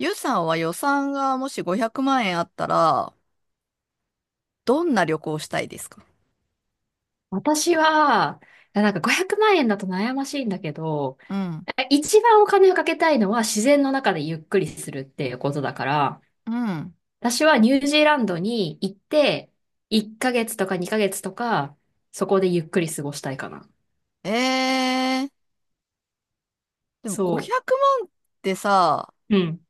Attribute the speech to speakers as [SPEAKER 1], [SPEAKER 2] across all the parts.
[SPEAKER 1] ゆうさんは予算がもし500万円あったら、どんな旅行をしたいですか？
[SPEAKER 2] 私は、500万円だと悩ましいんだけど、
[SPEAKER 1] うん。
[SPEAKER 2] 一番お金をかけたいのは自然の中でゆっくりするっていうことだから、
[SPEAKER 1] うん。
[SPEAKER 2] 私はニュージーランドに行って、1ヶ月とか2ヶ月とか、そこでゆっくり過ごしたいかな。
[SPEAKER 1] えー、でも
[SPEAKER 2] そ
[SPEAKER 1] 500万ってさ、
[SPEAKER 2] う。うん。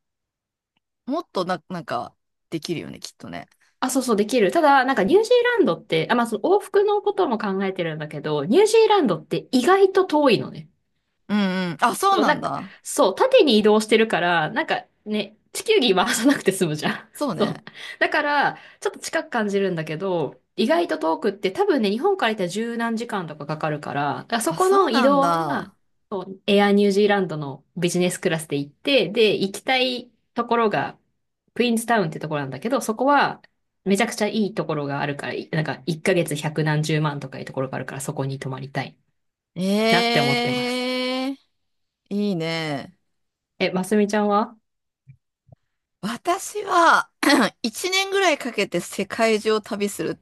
[SPEAKER 1] もっとな、なんか、できるよね、きっとね。
[SPEAKER 2] あ、そうそう、できる。ただ、ニュージーランドって、まあその往復のことも考えてるんだけど、ニュージーランドって意外と遠いのね。
[SPEAKER 1] うんうん。あ、そうなんだ。
[SPEAKER 2] そう、縦に移動してるから、なんかね、地球儀回さなくて済むじゃん。
[SPEAKER 1] そ う
[SPEAKER 2] そう。
[SPEAKER 1] ね。
[SPEAKER 2] だから、ちょっと近く感じるんだけど、意外と遠くって多分ね、日本から行ったら十何時間とかかかるから、だからそ
[SPEAKER 1] あ、
[SPEAKER 2] こ
[SPEAKER 1] そう
[SPEAKER 2] の移
[SPEAKER 1] なん
[SPEAKER 2] 動は、
[SPEAKER 1] だ。
[SPEAKER 2] そうエアニュージーランドのビジネスクラスで行って、で、行きたいところが、クイーンズタウンってところなんだけど、そこは、めちゃくちゃいいところがあるから、なんか、1ヶ月百何十万とかいうところがあるから、そこに泊まりたいなって思ってます。
[SPEAKER 1] えー、いいね。
[SPEAKER 2] え、ますみちゃんは？
[SPEAKER 1] 私は1年 ぐらいかけて世界中を旅する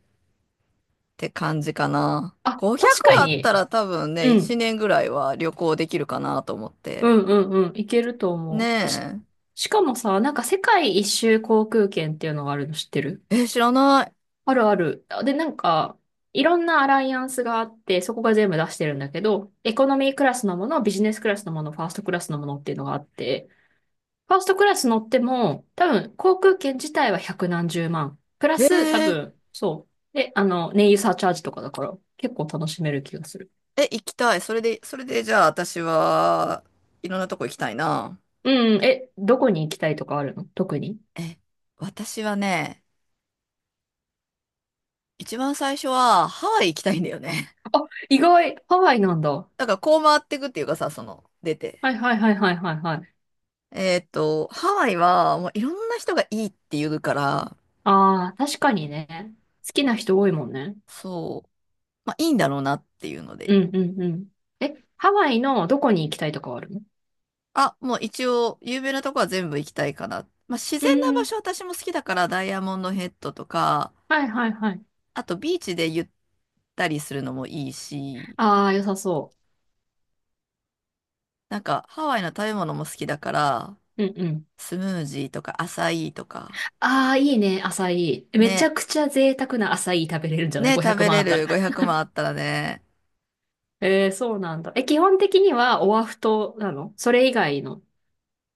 [SPEAKER 1] て感じかな。
[SPEAKER 2] あ、確か
[SPEAKER 1] 500あった
[SPEAKER 2] に。
[SPEAKER 1] ら多分ね、
[SPEAKER 2] う
[SPEAKER 1] 1
[SPEAKER 2] ん。
[SPEAKER 1] 年ぐらいは旅行できるかなと思っ
[SPEAKER 2] う
[SPEAKER 1] て。
[SPEAKER 2] んうんうん。いけると思う。
[SPEAKER 1] ね
[SPEAKER 2] しかもさ、なんか世界一周航空券っていうのがあるの知ってる？
[SPEAKER 1] え。え、知らな
[SPEAKER 2] あるある。で、なんか、いろんなアライアンスがあって、そこが全部出してるんだけど、エコノミークラスのもの、ビジネスクラスのもの、ファーストクラスのものっていうのがあって、ファーストクラス乗っても、多分、航空券自体は百何十万。プラ
[SPEAKER 1] い。
[SPEAKER 2] ス、多分、そう。で、あの、燃油サーチャージとかだから、結構楽しめる気がする。
[SPEAKER 1] え、行きたい。それでじゃあ私はいろんなとこ行きたいな。
[SPEAKER 2] うん、え、どこに行きたいとかあるの特に？
[SPEAKER 1] え、私はね、一番最初はハワイ行きたいんだよね。
[SPEAKER 2] 意外、ハワイなんだ。は
[SPEAKER 1] だからこう回っていくっていうかさ、出て。
[SPEAKER 2] いはいはいはいはいはい。
[SPEAKER 1] ハワイはもういろんな人がいいって言うから、
[SPEAKER 2] ああ、確かにね。好きな人多いもんね。
[SPEAKER 1] そう、まあいいんだろうなっていうの
[SPEAKER 2] う
[SPEAKER 1] で、
[SPEAKER 2] んうんうん。え、ハワイのどこに行きたいとかはあるの？
[SPEAKER 1] あ、もう一応、有名なとこは全部行きたいかな。まあ、自
[SPEAKER 2] う
[SPEAKER 1] 然な場
[SPEAKER 2] ん。
[SPEAKER 1] 所私も好きだから、ダイヤモンドヘッドとか、
[SPEAKER 2] はいはいはい。
[SPEAKER 1] あとビーチでゆったりするのもいいし、
[SPEAKER 2] ああ、良さそ
[SPEAKER 1] なんかハワイの食べ物も好きだから、
[SPEAKER 2] う。うんうん。
[SPEAKER 1] スムージーとかアサイーとか、
[SPEAKER 2] ああ、いいね、アサイー。めちゃ
[SPEAKER 1] ね、
[SPEAKER 2] くちゃ贅沢なアサイー食べれるんじゃない？
[SPEAKER 1] ね、食
[SPEAKER 2] 500
[SPEAKER 1] べ
[SPEAKER 2] 万あ
[SPEAKER 1] れ
[SPEAKER 2] ったら。
[SPEAKER 1] る500万あったらね、
[SPEAKER 2] えー、そうなんだ。え、基本的にはオアフ島なの？それ以外の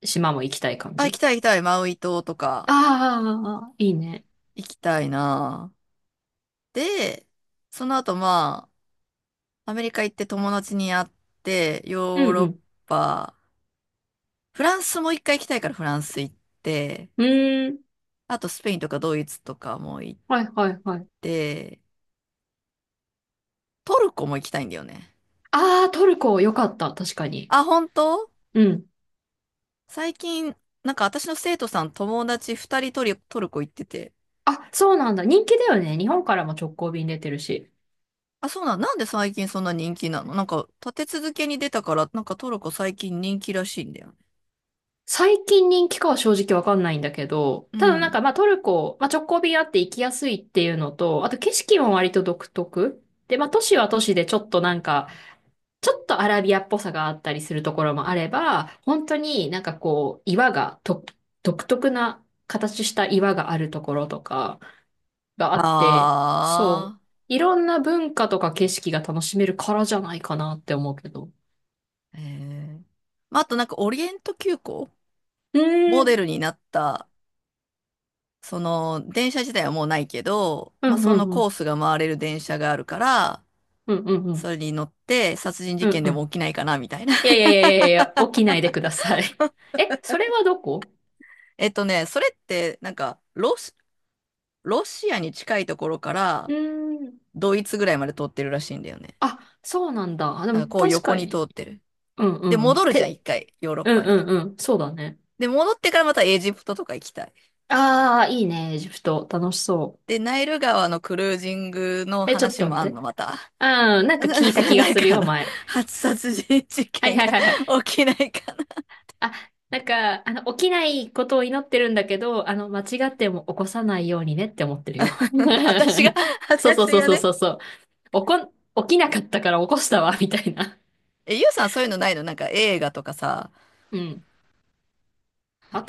[SPEAKER 2] 島も行きたい感
[SPEAKER 1] あ、行き
[SPEAKER 2] じ？
[SPEAKER 1] たい行きたい、マウイ島とか、
[SPEAKER 2] ああ、いいね。
[SPEAKER 1] 行きたいな。で、その後まあ、アメリカ行って友達に会って、
[SPEAKER 2] う
[SPEAKER 1] ヨー
[SPEAKER 2] ん
[SPEAKER 1] ロ
[SPEAKER 2] う
[SPEAKER 1] ッ
[SPEAKER 2] ん。
[SPEAKER 1] パ、フランスも一回行きたいからフランス行って、
[SPEAKER 2] うーん。
[SPEAKER 1] あとスペインとかドイツとかも行っ
[SPEAKER 2] はいはいはい。
[SPEAKER 1] て、トルコも行きたいんだよね。
[SPEAKER 2] ああ、トルコ良かった。確かに。
[SPEAKER 1] あ、本当？
[SPEAKER 2] うん。
[SPEAKER 1] 最近、なんか私の生徒さん友達2人トルコ行ってて。
[SPEAKER 2] あ、そうなんだ。人気だよね。日本からも直行便出てるし。
[SPEAKER 1] あ、なんで最近そんな人気なの？なんか立て続けに出たから、なんかトルコ最近人気らしいんだよね。
[SPEAKER 2] 最近人気かは正直わかんないんだけど、
[SPEAKER 1] う
[SPEAKER 2] ただ
[SPEAKER 1] ん。
[SPEAKER 2] まあトルコ、まあ直行便あって行きやすいっていうのと、あと景色も割と独特。で、まあ都市は都市でちょっとなんか、ちょっとアラビアっぽさがあったりするところもあれば、本当になんかこう、岩がと、独特な形した岩があるところとか、があって、そう。
[SPEAKER 1] あ
[SPEAKER 2] いろんな文化とか景色が楽しめるからじゃないかなって思うけど。
[SPEAKER 1] あ、ええまあ、あとなんかオリエント急行
[SPEAKER 2] うー
[SPEAKER 1] モデ
[SPEAKER 2] ん。
[SPEAKER 1] ルになったその電車自体はもうないけど、
[SPEAKER 2] う
[SPEAKER 1] まあ、
[SPEAKER 2] んう
[SPEAKER 1] その
[SPEAKER 2] んう
[SPEAKER 1] コ
[SPEAKER 2] ん。
[SPEAKER 1] ースが回れる電車があるから、
[SPEAKER 2] うんうんう
[SPEAKER 1] そ
[SPEAKER 2] ん。
[SPEAKER 1] れに乗って殺人事
[SPEAKER 2] うん
[SPEAKER 1] 件で
[SPEAKER 2] う
[SPEAKER 1] も
[SPEAKER 2] ん。
[SPEAKER 1] 起きないかなみたいな。
[SPEAKER 2] いやい やいやいやいや、起きないでください。え、それはどこ？
[SPEAKER 1] それってなんかロシアに近いところか
[SPEAKER 2] う
[SPEAKER 1] ら
[SPEAKER 2] ーん。
[SPEAKER 1] ドイツぐらいまで通ってるらしいんだよね。
[SPEAKER 2] あ、そうなんだ。あで
[SPEAKER 1] なん
[SPEAKER 2] も
[SPEAKER 1] かこう
[SPEAKER 2] 確
[SPEAKER 1] 横
[SPEAKER 2] か
[SPEAKER 1] に通
[SPEAKER 2] に。
[SPEAKER 1] ってる。
[SPEAKER 2] うんう
[SPEAKER 1] で、
[SPEAKER 2] んうん。
[SPEAKER 1] 戻るじゃん、一
[SPEAKER 2] て、
[SPEAKER 1] 回、ヨーロッ
[SPEAKER 2] う
[SPEAKER 1] パ
[SPEAKER 2] ん
[SPEAKER 1] に。
[SPEAKER 2] うんうん。そうだね。
[SPEAKER 1] で、戻ってからまたエジプトとか行きたい。
[SPEAKER 2] ああ、いいね、エジプト。楽しそ
[SPEAKER 1] で、ナイル川のクルージングの
[SPEAKER 2] う。え、ちょっ
[SPEAKER 1] 話
[SPEAKER 2] と待
[SPEAKER 1] も
[SPEAKER 2] っ
[SPEAKER 1] あん
[SPEAKER 2] て。
[SPEAKER 1] の、また。
[SPEAKER 2] うん、な んか聞いた気が
[SPEAKER 1] なん
[SPEAKER 2] する
[SPEAKER 1] かあ
[SPEAKER 2] よ、
[SPEAKER 1] の、
[SPEAKER 2] 前。
[SPEAKER 1] 初殺人事
[SPEAKER 2] はい
[SPEAKER 1] 件
[SPEAKER 2] はい
[SPEAKER 1] が
[SPEAKER 2] はいはい。
[SPEAKER 1] 起きないか
[SPEAKER 2] あ、なんか、あの、起きないことを祈ってるんだけど、あの、間違っても起こさないようにねって思ってるよ。
[SPEAKER 1] 私が、
[SPEAKER 2] そうそう
[SPEAKER 1] 私
[SPEAKER 2] そう
[SPEAKER 1] が
[SPEAKER 2] そう
[SPEAKER 1] ね。
[SPEAKER 2] そうそう。起こ、起きなかったから起こしたわ、みたいな。
[SPEAKER 1] え、ゆうさんそういうのないの？なんか映画とかさ、
[SPEAKER 2] うん。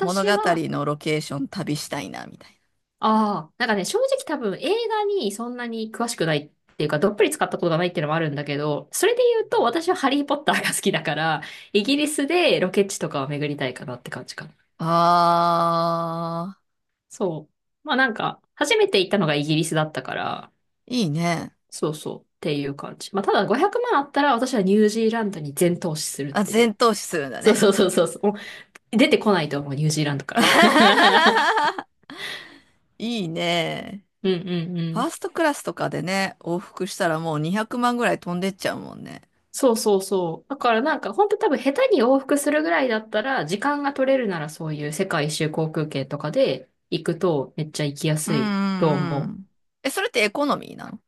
[SPEAKER 1] 物語
[SPEAKER 2] は、
[SPEAKER 1] のロケーション旅したいな、みたいな。
[SPEAKER 2] ああ、なんかね、正直多分映画にそんなに詳しくないっていうか、どっぷり使ったことがないっていうのもあるんだけど、それで言うと私はハリーポッターが好きだから、イギリスでロケ地とかを巡りたいかなって感じかな。
[SPEAKER 1] あ
[SPEAKER 2] そう。まあなんか、初めて行ったのがイギリスだったから、
[SPEAKER 1] ー、いいね。
[SPEAKER 2] そうそう。っていう感じ。まあ、ただ500万あったら私はニュージーランドに全投資するっ
[SPEAKER 1] あ、
[SPEAKER 2] ていう。
[SPEAKER 1] 全投資するんだ
[SPEAKER 2] そう
[SPEAKER 1] ね。
[SPEAKER 2] そうそうそうそう。もう出てこないと思う、ニュージーランドから。
[SPEAKER 1] いいね。
[SPEAKER 2] うんうんう
[SPEAKER 1] ファー
[SPEAKER 2] ん。
[SPEAKER 1] ストクラスとかでね、往復したらもう200万ぐらい飛んでっちゃうもんね。
[SPEAKER 2] そうそうそう。だからなんか本当多分下手に往復するぐらいだったら、時間が取れるならそういう世界一周航空券とかで行くとめっちゃ行きや
[SPEAKER 1] うん
[SPEAKER 2] す
[SPEAKER 1] う
[SPEAKER 2] いと
[SPEAKER 1] んう
[SPEAKER 2] 思う。
[SPEAKER 1] ん。え、それってエコノミーなの？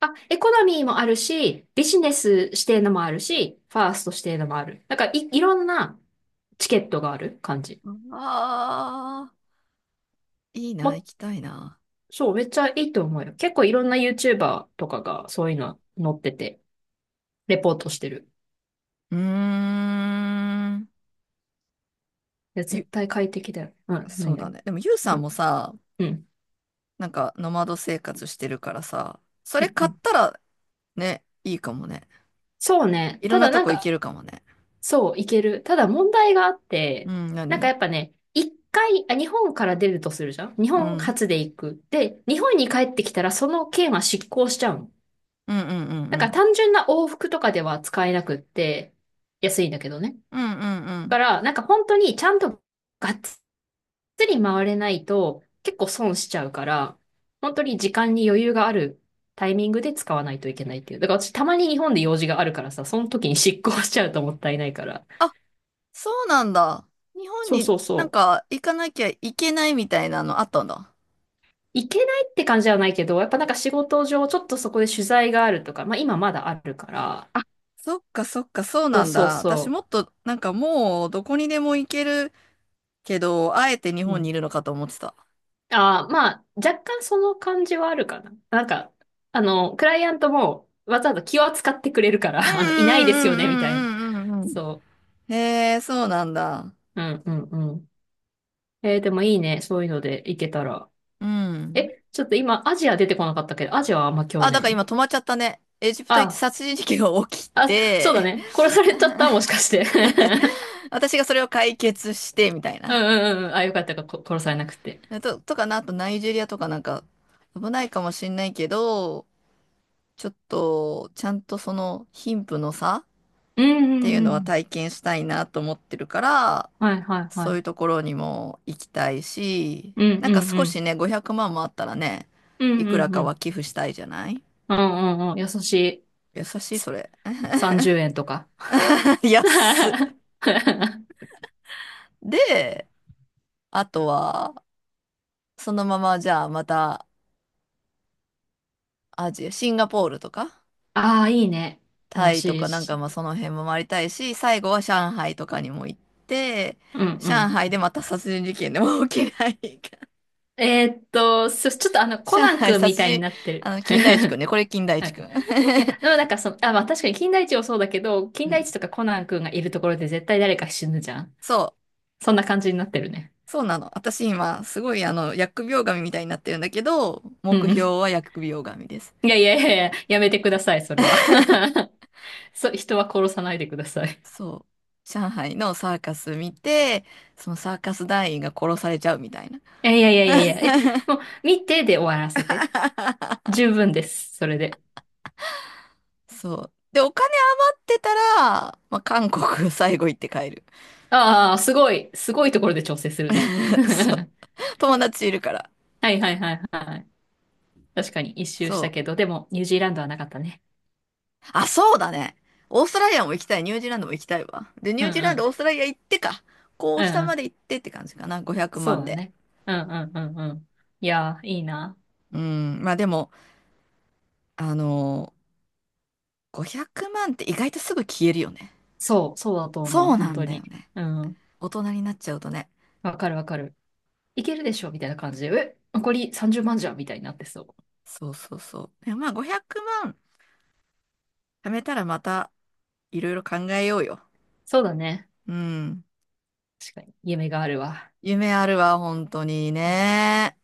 [SPEAKER 2] あ、エコノミーもあるし、ビジネス指定のもあるし、ファースト指定のもある。いろんなチケットがある感じ。
[SPEAKER 1] ああー、いいな、行き
[SPEAKER 2] も
[SPEAKER 1] たいな。
[SPEAKER 2] そう、めっちゃいいと思うよ。結構いろんな YouTuber とかがそういうの載ってて、レポートしてる。
[SPEAKER 1] うーん。
[SPEAKER 2] いや、
[SPEAKER 1] ゆ
[SPEAKER 2] 絶対快適だよ。うん、
[SPEAKER 1] そ
[SPEAKER 2] 何
[SPEAKER 1] うだ
[SPEAKER 2] 々。
[SPEAKER 1] ね。でも、ユウさ
[SPEAKER 2] う
[SPEAKER 1] ん
[SPEAKER 2] ん、
[SPEAKER 1] もさ、
[SPEAKER 2] うん、
[SPEAKER 1] なんか、ノマド生活してるからさ、そ
[SPEAKER 2] う
[SPEAKER 1] れ
[SPEAKER 2] ん。う
[SPEAKER 1] 買っ
[SPEAKER 2] ん
[SPEAKER 1] たら、ね、いいかもね。
[SPEAKER 2] そうね。
[SPEAKER 1] いろん
[SPEAKER 2] た
[SPEAKER 1] な
[SPEAKER 2] だ
[SPEAKER 1] と
[SPEAKER 2] なん
[SPEAKER 1] こ行け
[SPEAKER 2] か、
[SPEAKER 1] るかもね。
[SPEAKER 2] そう、いける。ただ問題があって、
[SPEAKER 1] うん、
[SPEAKER 2] なんか
[SPEAKER 1] 何？
[SPEAKER 2] やっぱね、一回、あ、日本から出るとするじゃん。日
[SPEAKER 1] うん。う
[SPEAKER 2] 本
[SPEAKER 1] ん
[SPEAKER 2] 初で行く。で、日本に帰ってきたらその券は失効しちゃうの。
[SPEAKER 1] うんう
[SPEAKER 2] だ
[SPEAKER 1] んう
[SPEAKER 2] から
[SPEAKER 1] ん。
[SPEAKER 2] 単純な往復とかでは使えなくって、安いんだけどね。
[SPEAKER 1] うんうんう
[SPEAKER 2] だか
[SPEAKER 1] ん。
[SPEAKER 2] ら、なんか本当にちゃんとがっっつり回れないと結構損しちゃうから、本当に時間に余裕があるタイミングで使わないといけないっていう。だから私たまに日本で用事があるからさ、その時に執行しちゃうともったいないから。
[SPEAKER 1] あ、そうなんだ。日本
[SPEAKER 2] そう
[SPEAKER 1] に
[SPEAKER 2] そう
[SPEAKER 1] なん
[SPEAKER 2] そう。
[SPEAKER 1] か行かなきゃいけないみたいなのあったんだ。
[SPEAKER 2] いけないって感じじゃないけど、やっぱなんか仕事上ちょっとそこで取材があるとか、まあ今まだあるから、
[SPEAKER 1] あ、そっかそっか、そう
[SPEAKER 2] そ
[SPEAKER 1] な
[SPEAKER 2] う
[SPEAKER 1] ん
[SPEAKER 2] そう
[SPEAKER 1] だ。私
[SPEAKER 2] そ
[SPEAKER 1] もっと、なんかもう、どこにでも行けるけど、あえて日
[SPEAKER 2] う。う
[SPEAKER 1] 本にい
[SPEAKER 2] ん。
[SPEAKER 1] るのかと思ってた。
[SPEAKER 2] ああ、まあ若干その感じはあるかな。なんか、あの、クライアントもわざわざ気を扱ってくれるから、
[SPEAKER 1] うん
[SPEAKER 2] あの、いないですよね、みたいな。
[SPEAKER 1] うんうんうんうんうんう
[SPEAKER 2] そ
[SPEAKER 1] ん。へえ、そうなんだ。
[SPEAKER 2] う。うんうんうん。えー、でもいいね。そういうので行けたら。
[SPEAKER 1] うん。
[SPEAKER 2] え、ちょっと今、アジア出てこなかったけど、アジアはあんま興味
[SPEAKER 1] あ、
[SPEAKER 2] な
[SPEAKER 1] だか
[SPEAKER 2] い
[SPEAKER 1] ら
[SPEAKER 2] の？
[SPEAKER 1] 今止まっちゃったね。エジプト行って
[SPEAKER 2] あ、
[SPEAKER 1] 殺人事件が起き
[SPEAKER 2] あ、そうだ
[SPEAKER 1] て、
[SPEAKER 2] ね。殺されちゃったもしかして。
[SPEAKER 1] 私がそれを解決して、みたい な。
[SPEAKER 2] うんうんうん。あ、よかったか、こ殺されなくて。
[SPEAKER 1] でと、とかな、あとナイジェリアとかなんか、危ないかもしんないけど、ちょっと、ちゃんとその貧富の差っ
[SPEAKER 2] うんう
[SPEAKER 1] ていう
[SPEAKER 2] んう
[SPEAKER 1] のは
[SPEAKER 2] ん。
[SPEAKER 1] 体験したいなと思ってるから、
[SPEAKER 2] はいはいは
[SPEAKER 1] そうい
[SPEAKER 2] い。
[SPEAKER 1] うところにも行きたいし、
[SPEAKER 2] うん
[SPEAKER 1] なん
[SPEAKER 2] う
[SPEAKER 1] か
[SPEAKER 2] んう
[SPEAKER 1] 少し
[SPEAKER 2] ん。
[SPEAKER 1] ね、500万もあったらね、
[SPEAKER 2] う
[SPEAKER 1] い
[SPEAKER 2] ん
[SPEAKER 1] く
[SPEAKER 2] う
[SPEAKER 1] ら
[SPEAKER 2] んう
[SPEAKER 1] かは
[SPEAKER 2] ん。
[SPEAKER 1] 寄付したいじゃない？
[SPEAKER 2] うんうんうん。優しい。
[SPEAKER 1] 優しい、それ。
[SPEAKER 2] 30円とか。
[SPEAKER 1] 安っ。で、あとは、そのままじゃあまたアジア、シンガポールとか、
[SPEAKER 2] ああ、いいね。
[SPEAKER 1] タ
[SPEAKER 2] 楽
[SPEAKER 1] イと
[SPEAKER 2] しい
[SPEAKER 1] かなんか
[SPEAKER 2] し。
[SPEAKER 1] まあその辺も回りたいし、最後は上海とかにも行って、
[SPEAKER 2] うんう
[SPEAKER 1] 上
[SPEAKER 2] ん。
[SPEAKER 1] 海でまた殺人事件でも起きないか。
[SPEAKER 2] えーっと、そちょっとあの、コ
[SPEAKER 1] 上
[SPEAKER 2] ナン
[SPEAKER 1] 海
[SPEAKER 2] 君み
[SPEAKER 1] 殺
[SPEAKER 2] たいに
[SPEAKER 1] 人、
[SPEAKER 2] なって
[SPEAKER 1] あ
[SPEAKER 2] る。
[SPEAKER 1] の、金田一くんね。これ金田
[SPEAKER 2] は
[SPEAKER 1] 一
[SPEAKER 2] い。
[SPEAKER 1] くん。
[SPEAKER 2] いや、でもなんかその、あ、まあ確かに金田一もそうだけど、金
[SPEAKER 1] う
[SPEAKER 2] 田
[SPEAKER 1] ん。
[SPEAKER 2] 一とかコナン君がいるところで絶対誰か死ぬじゃん。
[SPEAKER 1] そう。
[SPEAKER 2] そんな感じになってるね。
[SPEAKER 1] そうなの。私今、すごいあの、疫病神みたいになってるんだけど、
[SPEAKER 2] う
[SPEAKER 1] 目
[SPEAKER 2] んう
[SPEAKER 1] 標
[SPEAKER 2] ん。
[SPEAKER 1] は疫病神です。
[SPEAKER 2] いやいやいやいや、やめてください、それは。そう、人は殺さないでください。
[SPEAKER 1] そう。上海のサーカス見て、そのサーカス団員が殺されちゃうみたいな。
[SPEAKER 2] いやいやいやいやいや、え、もう、見てで終わらせて。十分です、それで。
[SPEAKER 1] そう。で、お金あってたら、まあ、韓国最後行って帰る。
[SPEAKER 2] ああ、すごい、すごいところで調整するね。
[SPEAKER 1] そう。友達いるから。
[SPEAKER 2] はいはいはいはい。確かに一周し
[SPEAKER 1] そ
[SPEAKER 2] た
[SPEAKER 1] う。
[SPEAKER 2] けど、でも、ニュージーランドはなかったね。
[SPEAKER 1] あ、そうだね。オーストラリアも行きたい。ニュージーランドも行きたいわ。で、ニ
[SPEAKER 2] う
[SPEAKER 1] ュ
[SPEAKER 2] ん
[SPEAKER 1] ージーラ
[SPEAKER 2] う
[SPEAKER 1] ンド、オ
[SPEAKER 2] ん。
[SPEAKER 1] ーストラリア行ってか。こ
[SPEAKER 2] う
[SPEAKER 1] う、
[SPEAKER 2] ん
[SPEAKER 1] 下
[SPEAKER 2] う
[SPEAKER 1] まで
[SPEAKER 2] ん。
[SPEAKER 1] 行ってって感じかな。500
[SPEAKER 2] そう
[SPEAKER 1] 万
[SPEAKER 2] だ
[SPEAKER 1] で。
[SPEAKER 2] ね。うんうんうんうん。いやー、いいな。
[SPEAKER 1] うん。まあでも、あのー500万って意外とすぐ消えるよね。
[SPEAKER 2] そう、そうだと思う、
[SPEAKER 1] そうな
[SPEAKER 2] 本
[SPEAKER 1] ん
[SPEAKER 2] 当
[SPEAKER 1] だよ
[SPEAKER 2] に。
[SPEAKER 1] ね。
[SPEAKER 2] うん。
[SPEAKER 1] 大人になっちゃうとね。
[SPEAKER 2] わかるわかる。いけるでしょみたいな感じで、え、残り30万じゅうまんじゃんみたいになってそう。
[SPEAKER 1] そうそうそう。でもまあ500万貯めたらまたいろいろ考えようよ。
[SPEAKER 2] そうだね。
[SPEAKER 1] うん。
[SPEAKER 2] 確かに。夢があるわ。
[SPEAKER 1] 夢あるわ、本当にね。